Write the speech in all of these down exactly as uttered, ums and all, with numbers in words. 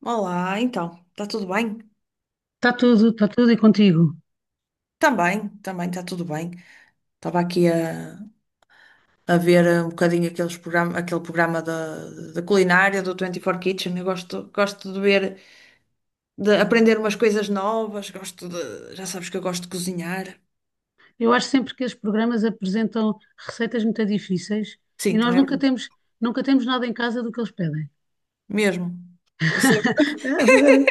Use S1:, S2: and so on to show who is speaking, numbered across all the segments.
S1: Olá, então, está tudo bem?
S2: Está tudo, está tudo e contigo.
S1: Também, também está tudo bem. Estava aqui a, a ver eh, um bocadinho aqueles programa, aquele programa da, da culinária do vinte e quatro Kitchen. Eu gosto, gosto de ver, de aprender umas coisas novas, gosto de, já sabes que eu gosto de cozinhar.
S2: Eu acho sempre que esses programas apresentam receitas muito difíceis
S1: Sim,
S2: e nós
S1: também é
S2: nunca
S1: verdade.
S2: temos, nunca temos nada em casa do que eles pedem.
S1: Mesmo. Isso é verdade.
S2: A fazer-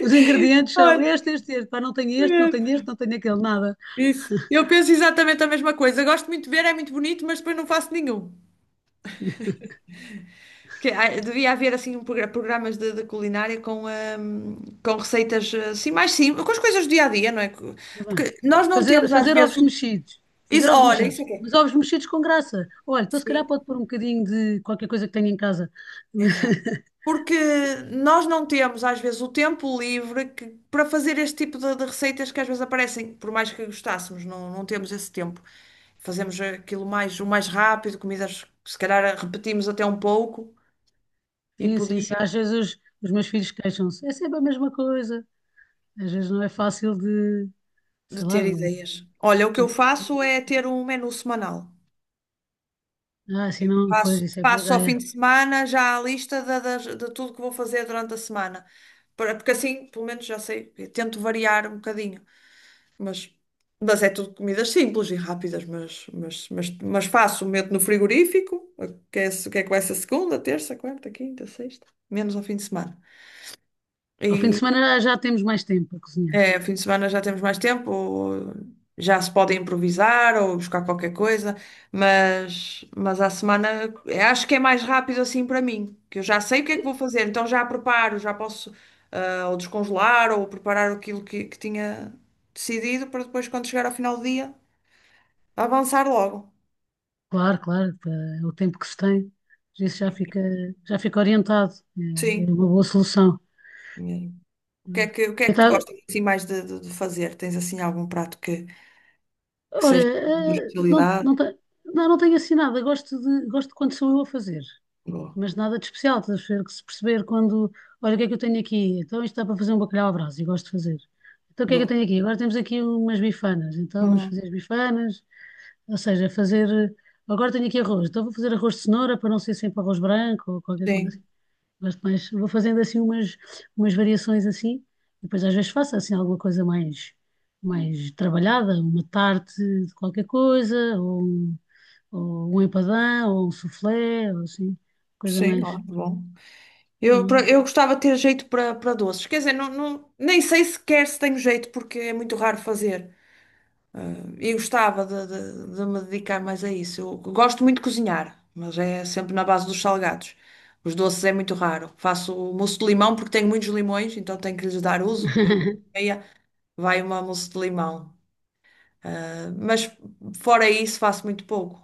S2: Os ingredientes são
S1: Olha,
S2: este, este, este. Pá, não tenho este, não tenho
S1: mesmo.
S2: este, não tenho aquele, nada.
S1: Isso. Eu penso exatamente a mesma coisa. Gosto muito de ver, é muito bonito, mas depois não faço nenhum. Porque ah, devia haver assim um progra- programas de, de culinária com, ahm, com receitas eh, assim mais simples, com as coisas do dia a dia, não é?
S2: Tá bem.
S1: Porque nós não
S2: Fazer,
S1: temos às
S2: fazer
S1: vezes.
S2: ovos
S1: o-
S2: mexidos.
S1: Is-
S2: Fazer ovos
S1: Olha, isso
S2: mexidos.
S1: é que é.
S2: Mas ovos mexidos com graça. Olha, então se
S1: Sim,
S2: calhar pode pôr um bocadinho de qualquer coisa que tenha em casa.
S1: exato. Porque nós não temos às vezes o tempo livre que- para fazer este tipo de, de receitas que às vezes aparecem, por mais que gostássemos, não, não temos esse tempo. Fazemos aquilo mais, o mais rápido, comidas que se calhar repetimos até um pouco e
S2: Sim, sim, sim.
S1: podia
S2: Às vezes os, os meus filhos queixam-se. É sempre a mesma coisa. Às vezes não é fácil de,
S1: de
S2: sei lá,
S1: ter
S2: de
S1: ideias. Olha, o que eu
S2: Fazer coisas
S1: faço é
S2: e-
S1: ter um menu semanal.
S2: Ah, sim, não, pois
S1: Faço,
S2: isso é boa
S1: faço ao fim
S2: ideia.
S1: de semana já a lista da- das- de, tudo que vou fazer durante a semana. Para- Porque assim, pelo menos já sei, eu tento variar um bocadinho. Mas, mas é tudo comidas simples e rápidas, mas, mas, mas, mas faço, meto no frigorífico, que é, que é com essa segunda, terça, quarta, quinta, sexta, menos ao fim de semana.
S2: Ao fim de semana já temos mais tempo para cozinhar.
S1: É, fim de semana já temos mais tempo, ou já se pode improvisar ou buscar qualquer coisa, mas, mas à semana eh, acho que é mais rápido assim para mim, que eu já sei o que é
S2: E,
S1: que vou fazer, então já preparo, já posso ah, ou descongelar ou preparar aquilo que, que tinha decidido para depois, quando chegar ao final do dia, avançar logo.
S2: Claro, claro, pá, é o tempo que se tem, isso já fica, já fica orientado. É, é
S1: Sim.
S2: uma boa solução.
S1: E o que é
S2: Hum.
S1: que, o que é
S2: Eu
S1: que tu
S2: ta-
S1: gostas assim, mais de, de- de fazer? Tens assim algum prato que, que
S2: olha,
S1: seja de
S2: eh, não,
S1: especialidade?
S2: não, te- não, não tenho assim nada. Gosto de, gosto de quando sou eu a fazer,
S1: Boa.
S2: mas nada de especial. Estás a ver que se perceber quando, olha, o que é que eu tenho aqui? Então isto dá para fazer um bacalhau à brasa. E gosto de fazer. Então o que é que eu
S1: Boa.
S2: tenho aqui? Agora temos aqui umas bifanas, então vamos
S1: Uhum.
S2: fazer as bifanas. Ou seja, fazer. Agora tenho aqui arroz, então vou fazer arroz de cenoura para não ser sempre arroz branco ou qualquer coisa assim.
S1: Sim,
S2: Gosto mais, vou fazendo assim umas, umas variações assim, e depois às vezes faço assim alguma coisa mais, mais trabalhada, uma tarte de qualquer coisa, ou um, ou um empadão, ou um soufflé, ou assim, coisa
S1: sim, ó,
S2: mais.
S1: bom. Eu, pra- eu gostava de ter jeito para para doces. Quer dizer, não, não- nem sei sequer se tenho jeito, porque é muito raro fazer. Ah, e gostava de, de- de me dedicar mais a isso. Eu gosto muito de cozinhar, mas é sempre na base dos salgados. Os doces é muito raro. Faço mousse de limão porque tenho muitos limões, então tenho que lhes dar uso. E meia vai uma mousse de limão. Ah, mas fora isso, faço muito pouco.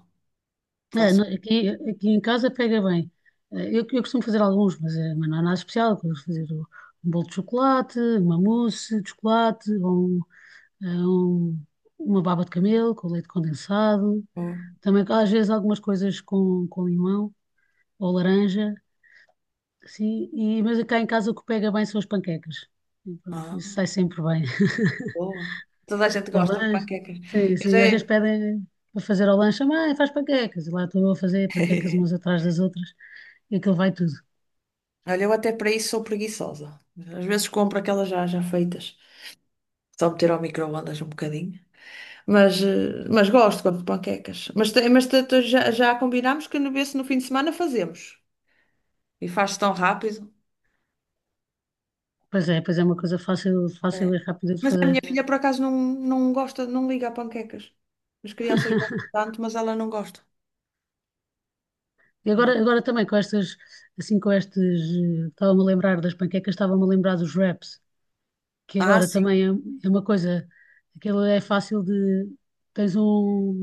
S2: É, no-
S1: Faço.
S2: aqui, aqui em casa pega bem. Eh, Eu, eu costumo fazer alguns, mas, eh, mas não é nada especial. Eu costumo fazer o- Um bolo de chocolate, uma mousse de chocolate, ou um, eh, um- uma baba de camelo com leite condensado.
S1: Oh,
S2: Também às vezes algumas coisas com, com limão ou laranja. Assim, e, mas cá em casa o que pega bem são as panquecas. E pronto, isso
S1: ah,
S2: sai sempre bem.
S1: boa. Toda a gente
S2: Ao
S1: gosta de
S2: lanche,
S1: panquecas.
S2: sim,
S1: Eu já.
S2: sim, às vezes pedem para fazer ao lanche, mãe, faz panquecas. E lá estou eu a fazer panquecas umas atrás das outras e aquilo vai tudo.
S1: Olha, eu até para isso sou preguiçosa. Às vezes compro aquelas já, já feitas. Só meter ao micro-ondas um bocadinho. Mas, eh, mas gosto, gosto de panquecas. Mas, te- mas te- te- já, já combinámos que no, vê se no fim de semana fazemos. E faz-se tão rápido.
S2: Pois é, pois é uma coisa fácil,
S1: É.
S2: fácil e rápida de
S1: A
S2: fazer.
S1: minha filha, por acaso, não, não gosta, não liga a panquecas. As crianças gostam tanto, mas ela não gosta.
S2: E agora, agora também com estas, assim com estes, eh, estava-me a lembrar das panquecas, estava-me a lembrar dos wraps, que
S1: Ah,
S2: agora
S1: sim,
S2: também é, é uma coisa, aquilo é fácil de, tens um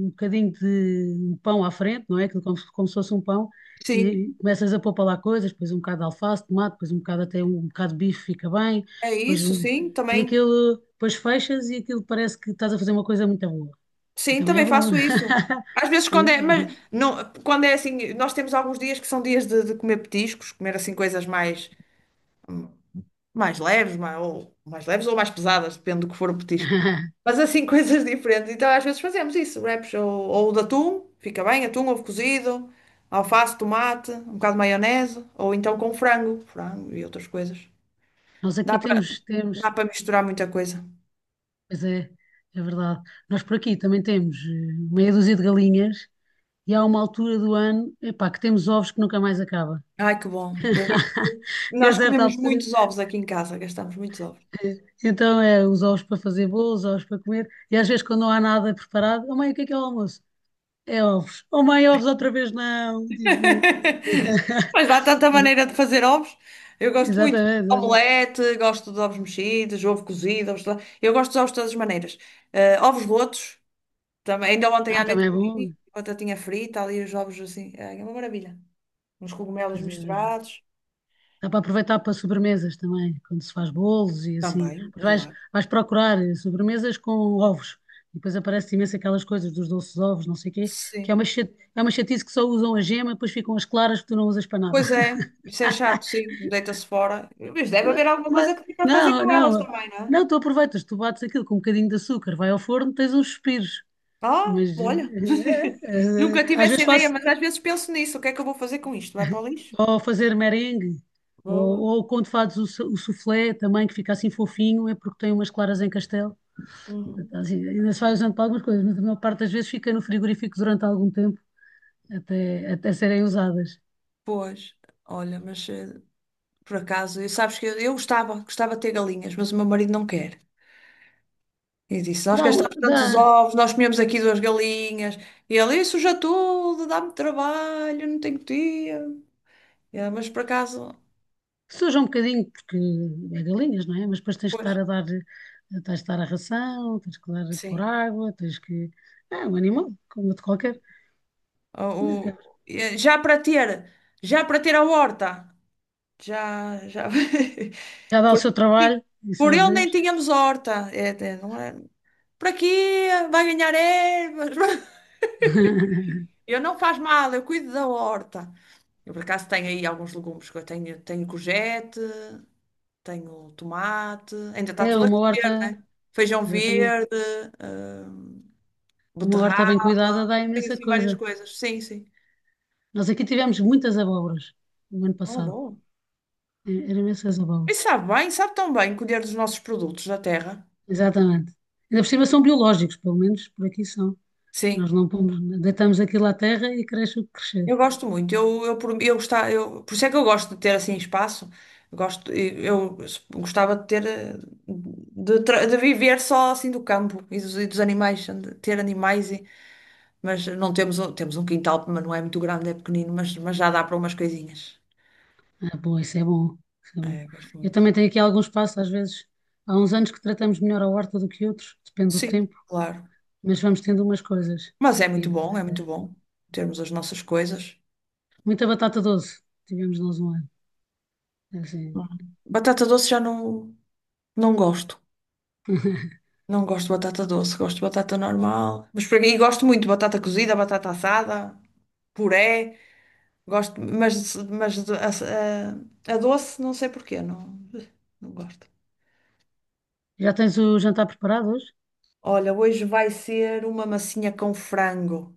S2: um bocadinho de um pão à frente, não é? Aquilo como, se- como se fosse um pão,
S1: sim.
S2: e começas a pôr para lá coisas, depois um bocado de alface, tomate, depois um bocado até um um bocado de bife fica bem,
S1: É
S2: depois
S1: isso,
S2: um,
S1: sim.
S2: e
S1: Também.
S2: aquilo, depois fechas e aquilo parece que estás a fazer uma coisa muito boa.
S1: Sim,
S2: Também é
S1: também
S2: bom.
S1: faço isso. Às vezes quando é,
S2: É.
S1: mas não, quando é assim, nós temos alguns dias que são dias de, de comer petiscos, comer assim coisas mais mais leves, mais, ou mais leves ou mais pesadas, depende do que for o petisco. Mas assim coisas diferentes. Então às vezes fazemos isso, wraps ou, ou de atum, fica bem, atum, ovo cozido, alface, tomate, um bocado de maionese, ou então com frango, frango e outras coisas.
S2: Nós aqui
S1: Dá para
S2: temos,
S1: dá
S2: temos,
S1: para misturar muita coisa.
S2: pois é, é verdade. Nós por aqui também temos eh, meia dúzia de galinhas e há uma altura do ano, epá, que temos ovos que nunca mais acaba.
S1: Ai, que bom. Eu, gosto-
S2: E a
S1: nós
S2: certa
S1: comemos
S2: altura,
S1: muitos ovos aqui em casa, gastamos muitos ovos.
S2: eh, então é os ovos para fazer bolos, ovos para comer, e às vezes quando não há nada preparado, oh mãe, o que é que é o almoço? É ovos. Oh mãe, ovos outra vez não. Tipo,
S1: Mas há tanta maneira de fazer ovos. Eu gosto muito de
S2: exatamente, exatamente.
S1: omelete, gosto de ovos mexidos, ovo cozido, ovos... eu gosto dos ovos de todas as maneiras. Eh, ovos rotos, também. Ainda ontem à
S2: Ah,
S1: noite
S2: também é bom.
S1: comi, batatinha frita, ali os ovos assim, ai, é uma maravilha. Uns cogumelos
S2: Pois é, pois é.
S1: misturados.
S2: Dá para aproveitar para sobremesas também, quando se faz bolos e assim.
S1: Também,
S2: Mas vais,
S1: claro.
S2: vais procurar eh, sobremesas com ovos. E depois aparece imenso aquelas coisas dos doces de ovos, não sei o quê, que é
S1: Sim.
S2: uma, chate- é uma chatice que só usam a gema, depois ficam as claras que tu não usas para nada.
S1: Pois é, isso é chato, sim, deita-se fora. Mas deve haver alguma coisa
S2: Mas,
S1: que dê para fazer
S2: não,
S1: com elas
S2: não,
S1: também, não é?
S2: não, tu aproveitas, tu bates aquilo com um bocadinho de açúcar, vai ao forno, tens uns suspiros.
S1: Ah,
S2: Mas
S1: olha.
S2: eh, eh, eh,
S1: Nunca tive
S2: às
S1: essa
S2: vezes
S1: ideia,
S2: faço
S1: mas às vezes penso nisso. O que é que eu vou fazer com isto? Vai para o lixo?
S2: ou fazer merengue, ou,
S1: Boa.
S2: ou quando fazes o, su- o soufflé também, que fica assim fofinho, é porque tem umas claras em castelo.
S1: Uhum.
S2: Assim, ainda se vai
S1: Ah,
S2: usando para algumas coisas, mas a maior parte das vezes fica no frigorífico durante algum tempo, até, até serem usadas.
S1: pois, olha, mas eh, por acaso, eu- sabes que eu, eu gostava, gostava de ter galinhas, mas o meu marido não quer. E disse: Nós
S2: Dá,
S1: gastamos
S2: um-
S1: tantos
S2: dá,
S1: ovos, nós comemos aqui duas galinhas. E ele, isso já tudo, dá-me trabalho, não tenho tempo. É, mas por acaso,
S2: suja um bocadinho, porque é galinhas, não é? Mas depois tens que
S1: pois,
S2: estar a dar, tens de estar a ração, tens que dar por
S1: sim.
S2: água, tens que. É um animal, como de qualquer.
S1: O, o- eh, já para ter, já para ter a horta. Já, já.
S2: Já dá o
S1: Por,
S2: seu trabalho, e
S1: por
S2: sabe
S1: ele nem
S2: Deus.
S1: tínhamos horta. É, é, não é? Por aqui vai ganhar ervas. Eu não faz mal, eu cuido da horta. Eu por acaso tenho aí alguns legumes que eu tenho, tenho courgette, tenho tomate, ainda está
S2: É
S1: tudo a
S2: uma
S1: crescer,
S2: horta,
S1: né? Feijão
S2: exatamente.
S1: verde, eh,
S2: Uma horta bem cuidada
S1: beterraba,
S2: dá
S1: tenho
S2: imensa
S1: assim várias
S2: coisa.
S1: coisas. Sim, sim.
S2: Nós aqui tivemos muitas abóboras no ano
S1: Oh,
S2: passado.
S1: bom.
S2: E- Eram imensas
S1: E
S2: abóboras.
S1: sabe bem, sabe tão bem colher dos nossos produtos da terra.
S2: Exatamente. Ainda por cima são biológicos, pelo menos por aqui são.
S1: Sim.
S2: Nós não pomos, deitamos aquilo à terra e cresce o que crescer.
S1: Eu gosto muito, eu, eu, por- eu, gostava, eu, por isso é que eu gosto de ter assim espaço. Eu gosto, eu eu gostava de ter, eh, de, tra- de viver só assim do campo e dos, e dos animais, de ter animais, e- mas não temos, um- temos um quintal, mas não é muito grande, é pequenino, mas, mas já dá para umas coisinhas.
S2: Ah, bom, isso é bom. Isso é bom.
S1: É, gosto
S2: Eu
S1: muito.
S2: também tenho aqui algum espaço, às vezes. Há uns anos que tratamos melhor a horta do que outros, depende do
S1: Sim,
S2: tempo,
S1: claro.
S2: mas vamos tendo umas coisas.
S1: Mas é
S2: E
S1: muito
S2: dá.
S1: bom, é muito bom termos as nossas coisas.
S2: Muita batata doce tivemos nós um ano. É assim.
S1: Hum. Batata doce já não, não gosto. Não gosto de batata doce, gosto de batata normal. Mas por aqui gosto muito de batata cozida, batata assada, puré. Gosto, mas, mas de- a, a- a doce, não sei porquê, não, não gosto.
S2: Já tens o jantar preparado hoje?
S1: Olha, hoje vai ser uma massinha com frango.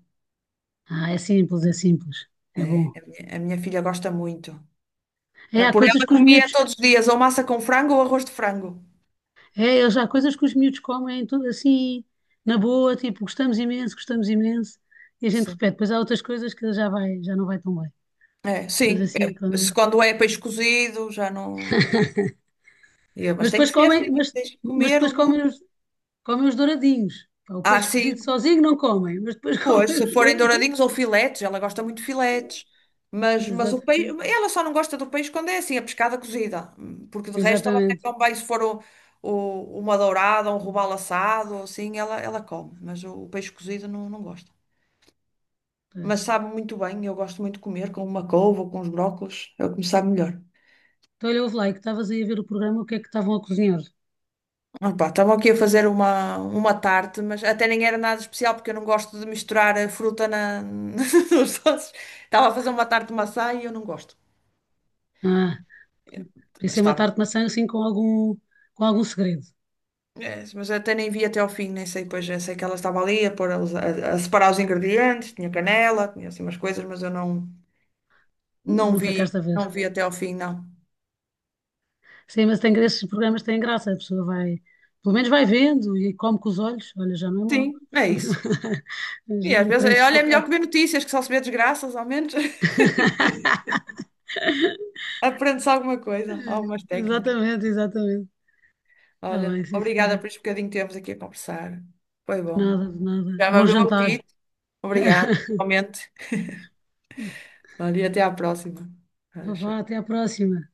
S2: Ah, é simples, é simples. É
S1: É,
S2: bom.
S1: a minha, a minha filha gosta muito.
S2: É,
S1: Ela,
S2: há
S1: por
S2: coisas
S1: ela
S2: que os
S1: comia
S2: miúdos.
S1: todos os dias ou massa com frango ou arroz de frango.
S2: É, eles, há coisas que os miúdos comem, tudo assim, na boa, tipo, gostamos imenso, gostamos imenso. E a gente
S1: Sim.
S2: repete. Depois há outras coisas que já vai, já não vai tão bem.
S1: É,
S2: Mas
S1: sim.
S2: assim,
S1: É,
S2: quando é...
S1: se quando é peixe cozido, já não. E eu, mas
S2: Mas
S1: tem que
S2: depois
S1: ser assim,
S2: comem, mas,
S1: tens de
S2: mas
S1: comer
S2: depois comem
S1: legumes.
S2: os, comem os douradinhos. Pá, o
S1: Ah,
S2: peixe cozido
S1: sim,
S2: sozinho não comem, mas depois
S1: pois,
S2: comem
S1: se
S2: os
S1: forem douradinhos
S2: douradinhos.
S1: ou filetes, ela gosta muito de filetes. Mas, mas o peixe,
S2: Exatamente,
S1: ela só não gosta do peixe quando é assim, a pescada cozida. Porque de resto ela até
S2: exatamente.
S1: come bem se for o, o- uma dourada, um robalo assado, ou assim, ela, ela come. Mas o, o peixe cozido não, não gosta.
S2: Pois.
S1: Mas sabe muito bem, eu gosto muito de comer com uma couve ou com os brócolos, é o que me sabe melhor.
S2: Então, olha, ouve lá, é que estavas aí a ver o programa, o que é que estavam a cozinhar?
S1: Opa, estavam aqui a fazer uma, uma tarte, mas até nem era nada especial, porque eu não gosto de misturar a fruta na, nos doces. Estava a fazer uma tarte de maçã e eu não gosto.
S2: Ah. Podia
S1: Mas
S2: ser uma
S1: estava
S2: tarte de maçã assim com algum, com algum segredo.
S1: é, mas eu até nem vi até ao fim, nem sei, pois eu sei que ela estava ali a, pôr, os- a, a separar os ingredientes, tinha canela, tinha assim umas coisas, mas eu não, não
S2: Não
S1: vi,
S2: ficaste a ver.
S1: não vi até ao fim, não.
S2: Sim, mas tem, esses programas têm graça, a pessoa vai, pelo menos vai vendo e come com os olhos. Olha, já não é mau.
S1: Sim, é isso.
S2: A
S1: E às
S2: gente
S1: vezes, eh,
S2: aprende-se
S1: olha, é
S2: pouco.
S1: melhor
S2: A-
S1: que ver notícias, que só se vê desgraças, ao menos aprende-se alguma coisa, algumas técnicas.
S2: Exatamente, exatamente. Está bem,
S1: Olha,
S2: sim,
S1: obrigada por
S2: senhora.
S1: este bocadinho que tivemos aqui a conversar. Foi
S2: De
S1: bom.
S2: nada, de nada.
S1: Já me
S2: Bom
S1: abriu um
S2: jantar.
S1: apetite. Obrigada, realmente. Olha, e até à próxima. Ah,
S2: Então vá,
S1: tchau.
S2: até à próxima.